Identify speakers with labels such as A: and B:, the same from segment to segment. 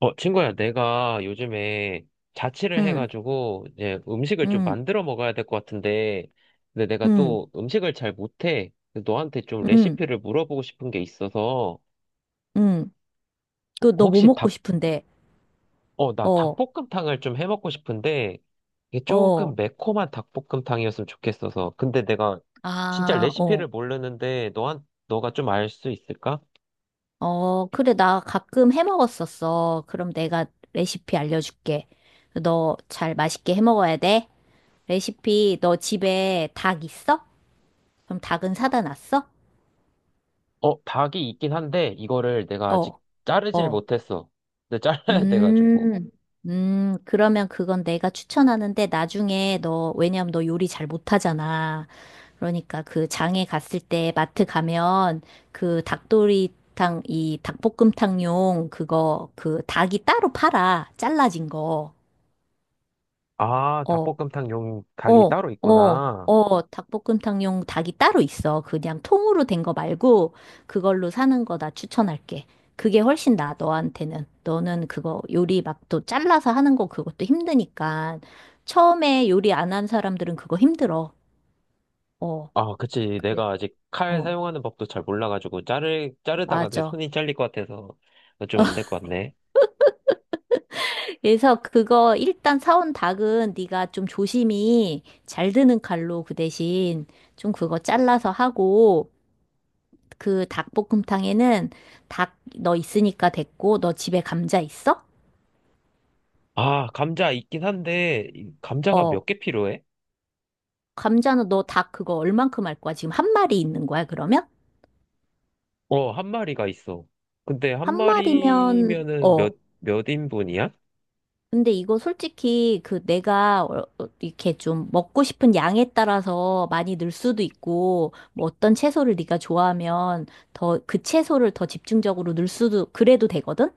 A: 친구야, 내가 요즘에 자취를
B: 응,
A: 해가지고 이제 음식을 좀
B: 응,
A: 만들어 먹어야 될 것 같은데, 근데 내가
B: 응,
A: 또 음식을 잘 못해. 근데 너한테 좀
B: 응,
A: 레시피를 물어보고 싶은 게 있어서,
B: 응. 그, 너 뭐
A: 혹시
B: 먹고 싶은데?
A: 나
B: 어,
A: 닭볶음탕을 좀 해 먹고 싶은데, 이게 조금
B: 어,
A: 매콤한 닭볶음탕이었으면 좋겠어서. 근데 내가 진짜
B: 아, 어,
A: 레시피를 모르는데, 너가 좀 알 수 있을까?
B: 어, 그래, 나 가끔 해 먹었었어. 그럼 내가 레시피 알려줄게. 너 잘 맛있게 해 먹어야 돼. 레시피, 너 집에 닭 있어? 그럼 닭은 사다 놨어?
A: 닭이 있긴 한데, 이거를 내가 아직
B: 어,
A: 자르질
B: 어.
A: 못했어. 근데 잘라야 돼가지고.
B: 음, 그러면 그건 내가 추천하는데 나중에 너, 왜냐면 너 요리 잘 못하잖아. 그러니까 그 장에 갔을 때 마트 가면 그 닭도리탕, 이 닭볶음탕용 그거, 그 닭이 따로 팔아. 잘라진 거.
A: 아,
B: 어,
A: 닭볶음탕용 닭이
B: 어,
A: 따로
B: 어,
A: 있구나.
B: 어, 닭볶음탕용 닭이 따로 있어. 그냥 통으로 된거 말고 그걸로 사는 거 나 추천할게. 그게 훨씬 나아, 너한테는. 너는 그거 요리 막 또 잘라서 하는 거 그것도 힘드니까. 처음에 요리 안한 사람들은 그거 힘들어. 어,
A: 아, 그치.
B: 그래.
A: 내가 아직 칼
B: 어,
A: 사용하는 법도 잘 몰라가지고, 자르다가 내
B: 맞아.
A: 손이 잘릴 것 같아서, 좀 안 될 것 같네.
B: 그래서 그거 일단 사온 닭은 네가 좀 조심히 잘 드는 칼로 그 대신 좀 그거 잘라서 하고 그 닭볶음탕에는 닭 너 있으니까 됐고 너 집에 감자 있어?
A: 아, 감자 있긴 한데, 이 감자가 몇
B: 어.
A: 개 필요해?
B: 감자는 너 닭 그거 얼만큼 할 거야? 지금 한 마리 있는 거야, 그러면?
A: 어, 한 마리가 있어. 근데 한
B: 한 마리면
A: 마리면은
B: 어.
A: 몇 인분이야?
B: 근데 이거 솔직히 그 내가 이렇게 좀 먹고 싶은 양에 따라서 많이 늘 수도 있고 뭐 어떤 채소를 네가 좋아하면 더 그 채소를 더 집중적으로 넣을 수도 그래도 되거든?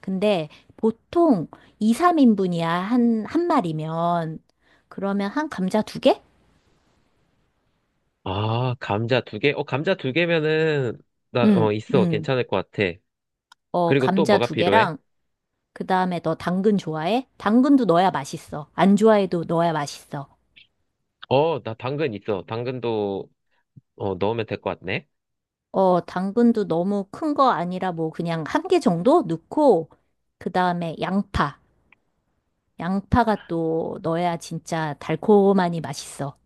B: 근데 보통 2, 3인분이야 한 마리면. 그러면 한 감자 두 개?
A: 아, 감자 두 개? 어, 감자 두 개면은,
B: 응,
A: 있어.
B: 응.
A: 괜찮을 것 같아.
B: 어,
A: 그리고 또
B: 감자
A: 뭐가
B: 두
A: 필요해?
B: 개랑 그다음에 너 당근 좋아해? 당근도 넣어야 맛있어. 안 좋아해도 넣어야 맛있어.
A: 어, 나 당근 있어. 넣으면 될 것 같네.
B: 어, 당근도 너무 큰 거 아니라 뭐 그냥 한 개 정도 넣고, 그 다음에 양파. 양파가 또 넣어야 진짜 달콤하니 맛있어.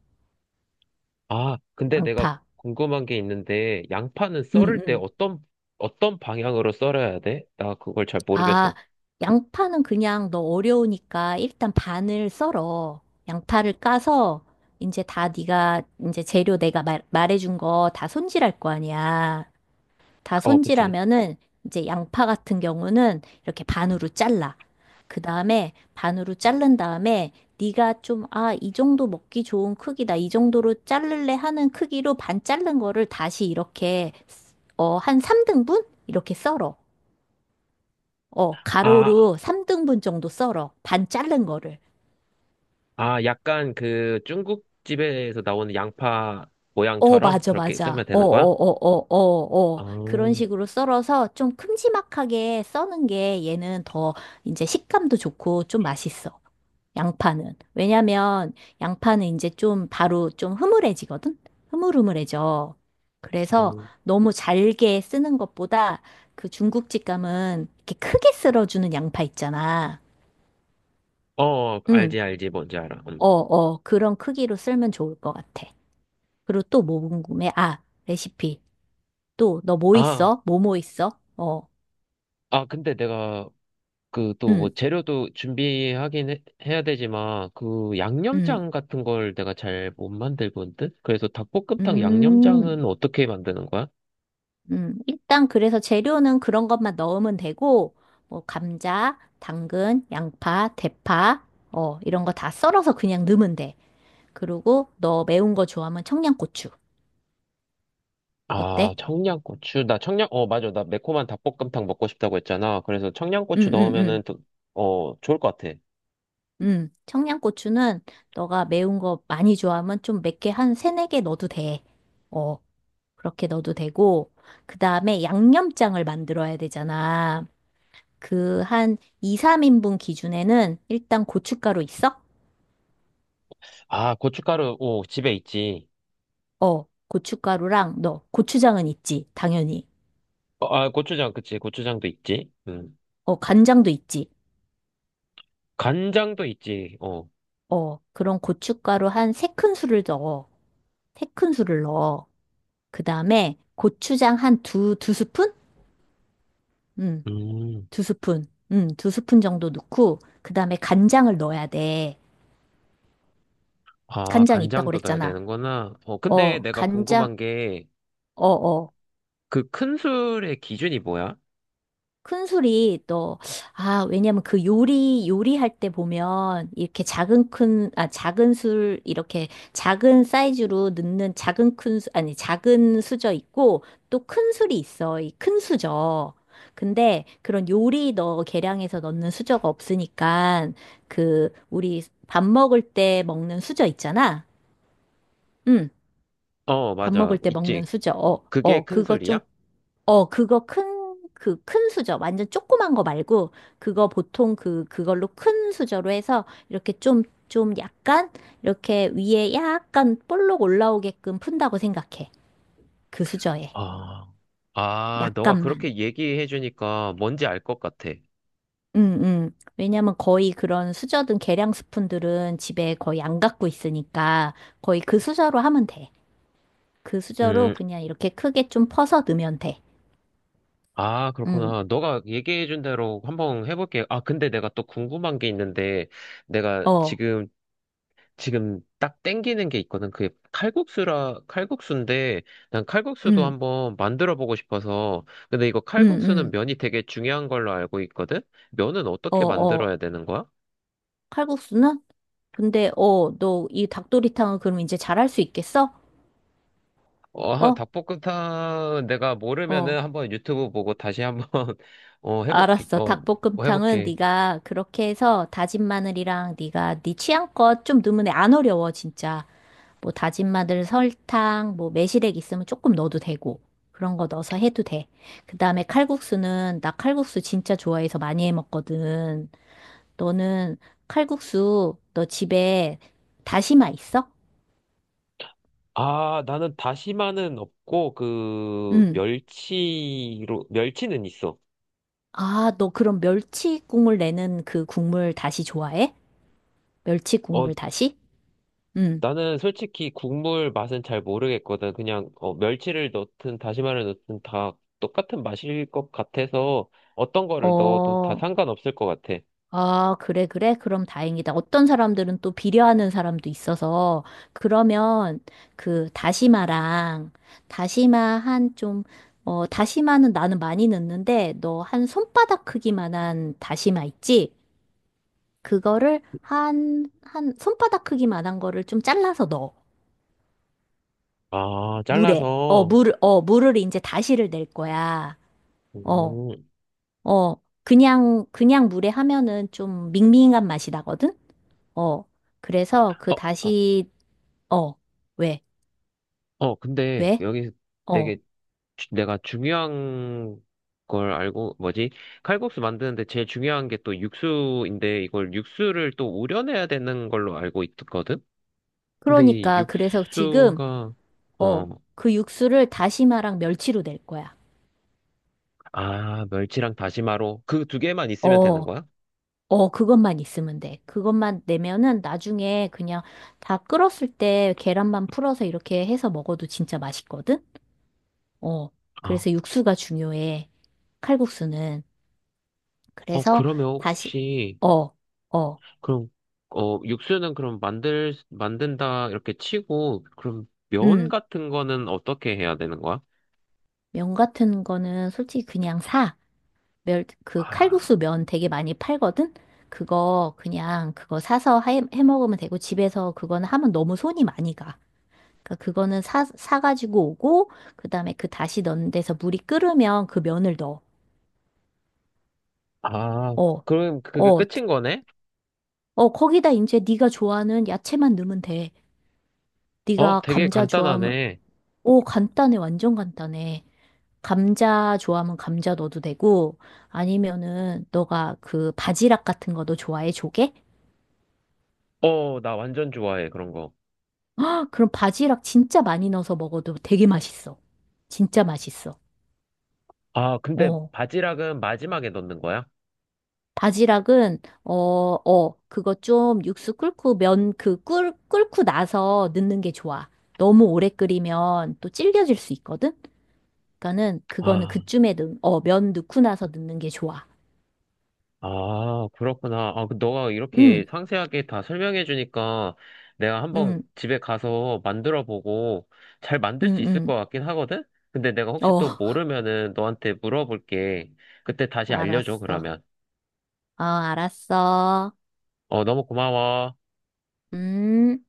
A: 아, 근데 내가
B: 양파.
A: 궁금한 게 있는데, 양파는
B: 응,
A: 썰을 때
B: 응.
A: 어떤 방향으로 썰어야 돼? 나 그걸 잘 모르겠어.
B: 아, 양파는 그냥 너 어려우니까 일단 반을 썰어. 양파를 까서 이제 다 네가 이제 재료 내가 말해준 거 다 손질할 거 아니야. 다
A: 어, 그치.
B: 손질하면은 이제 양파 같은 경우는 이렇게 반으로 잘라. 그 다음에 반으로 자른 다음에 네가 좀, 아, 이 정도 먹기 좋은 크기다. 이 정도로 자를래 하는 크기로 반 자른 거를 다시 이렇게 어, 한 3등분? 이렇게 썰어. 어,
A: 아,
B: 가로로 3등분 정도 썰어. 반 자른 거를.
A: 아, 약간 그 중국집에서 나오는 양파
B: 어,
A: 모양처럼
B: 맞아,
A: 그렇게
B: 맞아.
A: 썰면
B: 어, 어,
A: 되는 거야?
B: 어, 어, 어, 어.
A: 아,
B: 어. 그런 식으로 썰어서 좀 큼지막하게 써는 게 얘는 더 이제 식감도 좋고 좀 맛있어. 양파는. 왜냐면 양파는 이제 좀 바로 좀 흐물해지거든? 흐물흐물해져. 그래서 너무 잘게 쓰는 것보다 그 중국집 감은 이렇게 크게 썰어주는 양파 있잖아.
A: 어,
B: 응,
A: 알지, 알지, 뭔지 알아.
B: 어,
A: 음.
B: 어, 그런 크기로 썰면 좋을 것 같아. 그리고 또 뭐 궁금해? 아, 레시피. 또, 너 뭐
A: 아,
B: 있어? 뭐뭐 있어? 어,
A: 아, 근데 내가 그 또 뭐
B: 응,
A: 재료도 준비하긴 해야 되지만 그
B: 응,
A: 양념장 같은 걸 내가 잘 못 만들거든? 그래서 닭볶음탕 양념장은
B: 음.
A: 어떻게 만드는 거야?
B: 일단 그래서 재료는 그런 것만 넣으면 되고, 뭐, 감자, 당근, 양파, 대파, 어, 이런 거 다 썰어서 그냥 넣으면 돼. 그리고 너 매운 거 좋아하면 청양고추.
A: 아,
B: 어때?
A: 청양고추. 나 청양, 어, 맞아. 나 매콤한 닭볶음탕 먹고 싶다고 했잖아. 그래서
B: 응,
A: 청양고추
B: 응, 응.
A: 넣으면은, 어, 좋을 것 같아.
B: 응. 청양고추는 너가 매운 거 많이 좋아하면 좀 몇 개, 한 세네 개 넣어도 돼. 어, 그렇게 넣어도 되고, 그 다음에 양념장을 만들어야 되잖아. 그 한 2, 3인분 기준에는 일단 고춧가루 있어?
A: 아, 고춧가루, 오, 집에 있지.
B: 어, 고춧가루랑 너 고추장은 있지, 당연히.
A: 어, 아, 고추장, 그치. 고추장도 있지. 음.
B: 어, 간장도 있지.
A: 간장도 있지. 어.
B: 어, 그런 고춧가루 한 세 큰술을 넣어. 세 큰술을 넣어. 그 다음에 고추장 한 두 스푼? 음,
A: 음.
B: 두 스푼. 두 스푼 정도 넣고, 그 다음에 간장을 넣어야 돼.
A: 아,
B: 간장 있다고
A: 간장도 넣어야
B: 그랬잖아.
A: 되는구나. 어, 근데
B: 어,
A: 내가
B: 간장,
A: 궁금한 게,
B: 어어.
A: 그 큰 술의 기준이 뭐야?
B: 큰술이 또, 아, 왜냐면 그 요리할 때 보면 이렇게 작은 큰, 아, 작은 술, 이렇게 작은 사이즈로 넣는 작은 큰, 아니, 작은 수저 있고 또 큰 술이 있어. 이 큰 수저. 근데 그런 요리 너 계량해서 넣는 수저가 없으니까 그, 우리 밥 먹을 때 먹는 수저 있잖아. 응,
A: 어,
B: 밥
A: 맞아.
B: 먹을 때 먹는
A: 있지.
B: 수저. 어,
A: 그게
B: 어,
A: 큰
B: 그거 좀
A: 술이야?
B: 어, 그거 큰, 그 큰 수저, 완전 조그만 거 말고, 그거 보통 그, 그걸로 큰 수저로 해서, 이렇게 좀, 좀 약간, 이렇게 위에 약간 볼록 올라오게끔 푼다고 생각해. 그 수저에.
A: 아, 아, 너가
B: 약간만.
A: 그렇게 얘기해 주니까 뭔지 알 것 같아.
B: 응, 응. 왜냐면 거의 그런 수저든 계량 스푼들은 집에 거의 안 갖고 있으니까, 거의 그 수저로 하면 돼. 그 수저로
A: 음,
B: 그냥 이렇게 크게 좀 퍼서 넣으면 돼.
A: 아,
B: 응,
A: 그렇구나. 너가 얘기해 준 대로 한번 해볼게. 아, 근데 내가 또 궁금한 게 있는데, 내가
B: 어,
A: 지금, 지금 딱 땡기는 게 있거든. 그게 칼국수인데, 난 칼국수도
B: 응,
A: 한번 만들어 보고 싶어서. 근데 이거
B: 응,
A: 칼국수는
B: 응,
A: 면이 되게 중요한 걸로 알고 있거든? 면은
B: 어,
A: 어떻게
B: 어.
A: 만들어야 되는 거야?
B: 칼국수는? 근데, 어, 너 이 닭도리탕은 그럼 이제 잘할 수 있겠어?
A: 어,
B: 어?
A: 닭볶음탕 내가
B: 어.
A: 모르면은 한번 유튜브 보고 다시 한번 어 해볼게.
B: 알았어.
A: 어, 뭐
B: 닭볶음탕은
A: 해볼게.
B: 네가 그렇게 해서 다진 마늘이랑 네가 네 취향껏 좀 넣으면 돼. 안 어려워, 진짜. 뭐 다진 마늘, 설탕, 뭐 매실액 있으면 조금 넣어도 되고. 그런 거 넣어서 해도 돼. 그다음에 칼국수는 나 칼국수 진짜 좋아해서 많이 해 먹거든. 너는 칼국수 너 집에 다시마 있어?
A: 아, 나는 다시마는 없고 그
B: 응.
A: 멸치로 멸치는 있어.
B: 아, 너 그럼 멸치 국물 내는 그 국물 다시 좋아해? 멸치
A: 어,
B: 국물 다시? 응.
A: 나는 솔직히 국물 맛은 잘 모르겠거든. 그냥 멸치를 넣든 다시마를 넣든 다 똑같은 맛일 것 같아서 어떤 거를 넣어도 다
B: 어,
A: 상관없을 것 같아.
B: 아, 그래, 그래. 그럼 다행이다. 어떤 사람들은 또 비려하는 사람도 있어서, 그러면 그 다시마랑, 다시마 한 좀, 어, 다시마는 나는 많이 넣는데, 너 한 손바닥 크기만한 다시마 있지? 그거를 한 손바닥 크기만한 거를 좀 잘라서 넣어.
A: 아,
B: 물에. 어,
A: 잘라서.
B: 물을, 어, 물을 이제 다시를 낼 거야. 어,
A: 음.
B: 어, 그냥 물에 하면은 좀 밍밍한 맛이 나거든? 어, 그래서 그
A: 어, 어,
B: 다시, 어, 왜,
A: 어, 근데
B: 왜?
A: 여기
B: 어,
A: 되게 내가 중요한 걸 알고, 뭐지? 칼국수 만드는데 제일 중요한 게 또 육수인데 이걸 육수를 또 우려내야 되는 걸로 알고 있거든? 근데 이
B: 그러니까, 그래서 지금,
A: 육수가,
B: 어,
A: 어,
B: 그 육수를 다시마랑 멸치로 낼 거야.
A: 아, 멸치랑 다시마로 그 두 개만 있으면 되는
B: 어,
A: 거야?
B: 어, 그것만 있으면 돼. 그것만 내면은 나중에 그냥 다 끓었을 때 계란만 풀어서 이렇게 해서 먹어도 진짜 맛있거든? 어,
A: 아,
B: 그래서 육수가 중요해. 칼국수는.
A: 어,
B: 그래서
A: 그러면
B: 다시,
A: 혹시,
B: 어, 어,
A: 그럼, 어, 육수는 그럼 만든다 이렇게 치고, 그럼 면
B: 음,
A: 같은 거는 어떻게 해야 되는 거야?
B: 면 같은 거는 솔직히 그냥 사. 멸, 그 칼국수
A: 아,
B: 면 되게 많이 팔거든? 그거 그냥 그거 사서 해 먹으면 되고 집에서 그거는 하면 너무 손이 많이 가. 그러니까 그거는 사가지고 오고 그다음에 그 다시 넣는 데서 물이 끓으면 그 면을 넣어.
A: 아,
B: 어,
A: 그럼 그게
B: 어,
A: 끝인 거네?
B: 어, 거기다 이제 네가 좋아하는 야채만 넣으면 돼.
A: 어,
B: 네가
A: 되게
B: 감자 좋아하면,
A: 간단하네.
B: 오, 간단해, 완전 간단해. 감자 좋아하면 감자 넣어도 되고, 아니면은 너가 그 바지락 같은 거도 좋아해, 조개?
A: 어, 나 완전 좋아해, 그런 거.
B: 아, 그럼 바지락 진짜 많이 넣어서 먹어도 되게 맛있어. 진짜 맛있어.
A: 아, 근데
B: 어.
A: 바지락은 마지막에 넣는 거야?
B: 바지락은, 어, 어, 그거 좀 육수 끓고 면 그 끓고 나서 넣는 게 좋아. 너무 오래 끓이면 또 질겨질 수 있거든? 그러니까는 그거는
A: 아,
B: 그쯤에 어, 면 넣고 나서 넣는 게 좋아.
A: 아, 그렇구나. 아, 그 너가 이렇게
B: 응,
A: 상세하게 다 설명해 주니까 내가 한번
B: 응,
A: 집에 가서 만들어 보고 잘 만들 수
B: 응,
A: 있을 것
B: 응.
A: 같긴 하거든? 근데 내가 혹시
B: 어,
A: 또 모르면은 너한테 물어볼게. 그때 다시 알려줘,
B: 알았어.
A: 그러면.
B: 어, 알았어.
A: 어, 너무 고마워.
B: 음.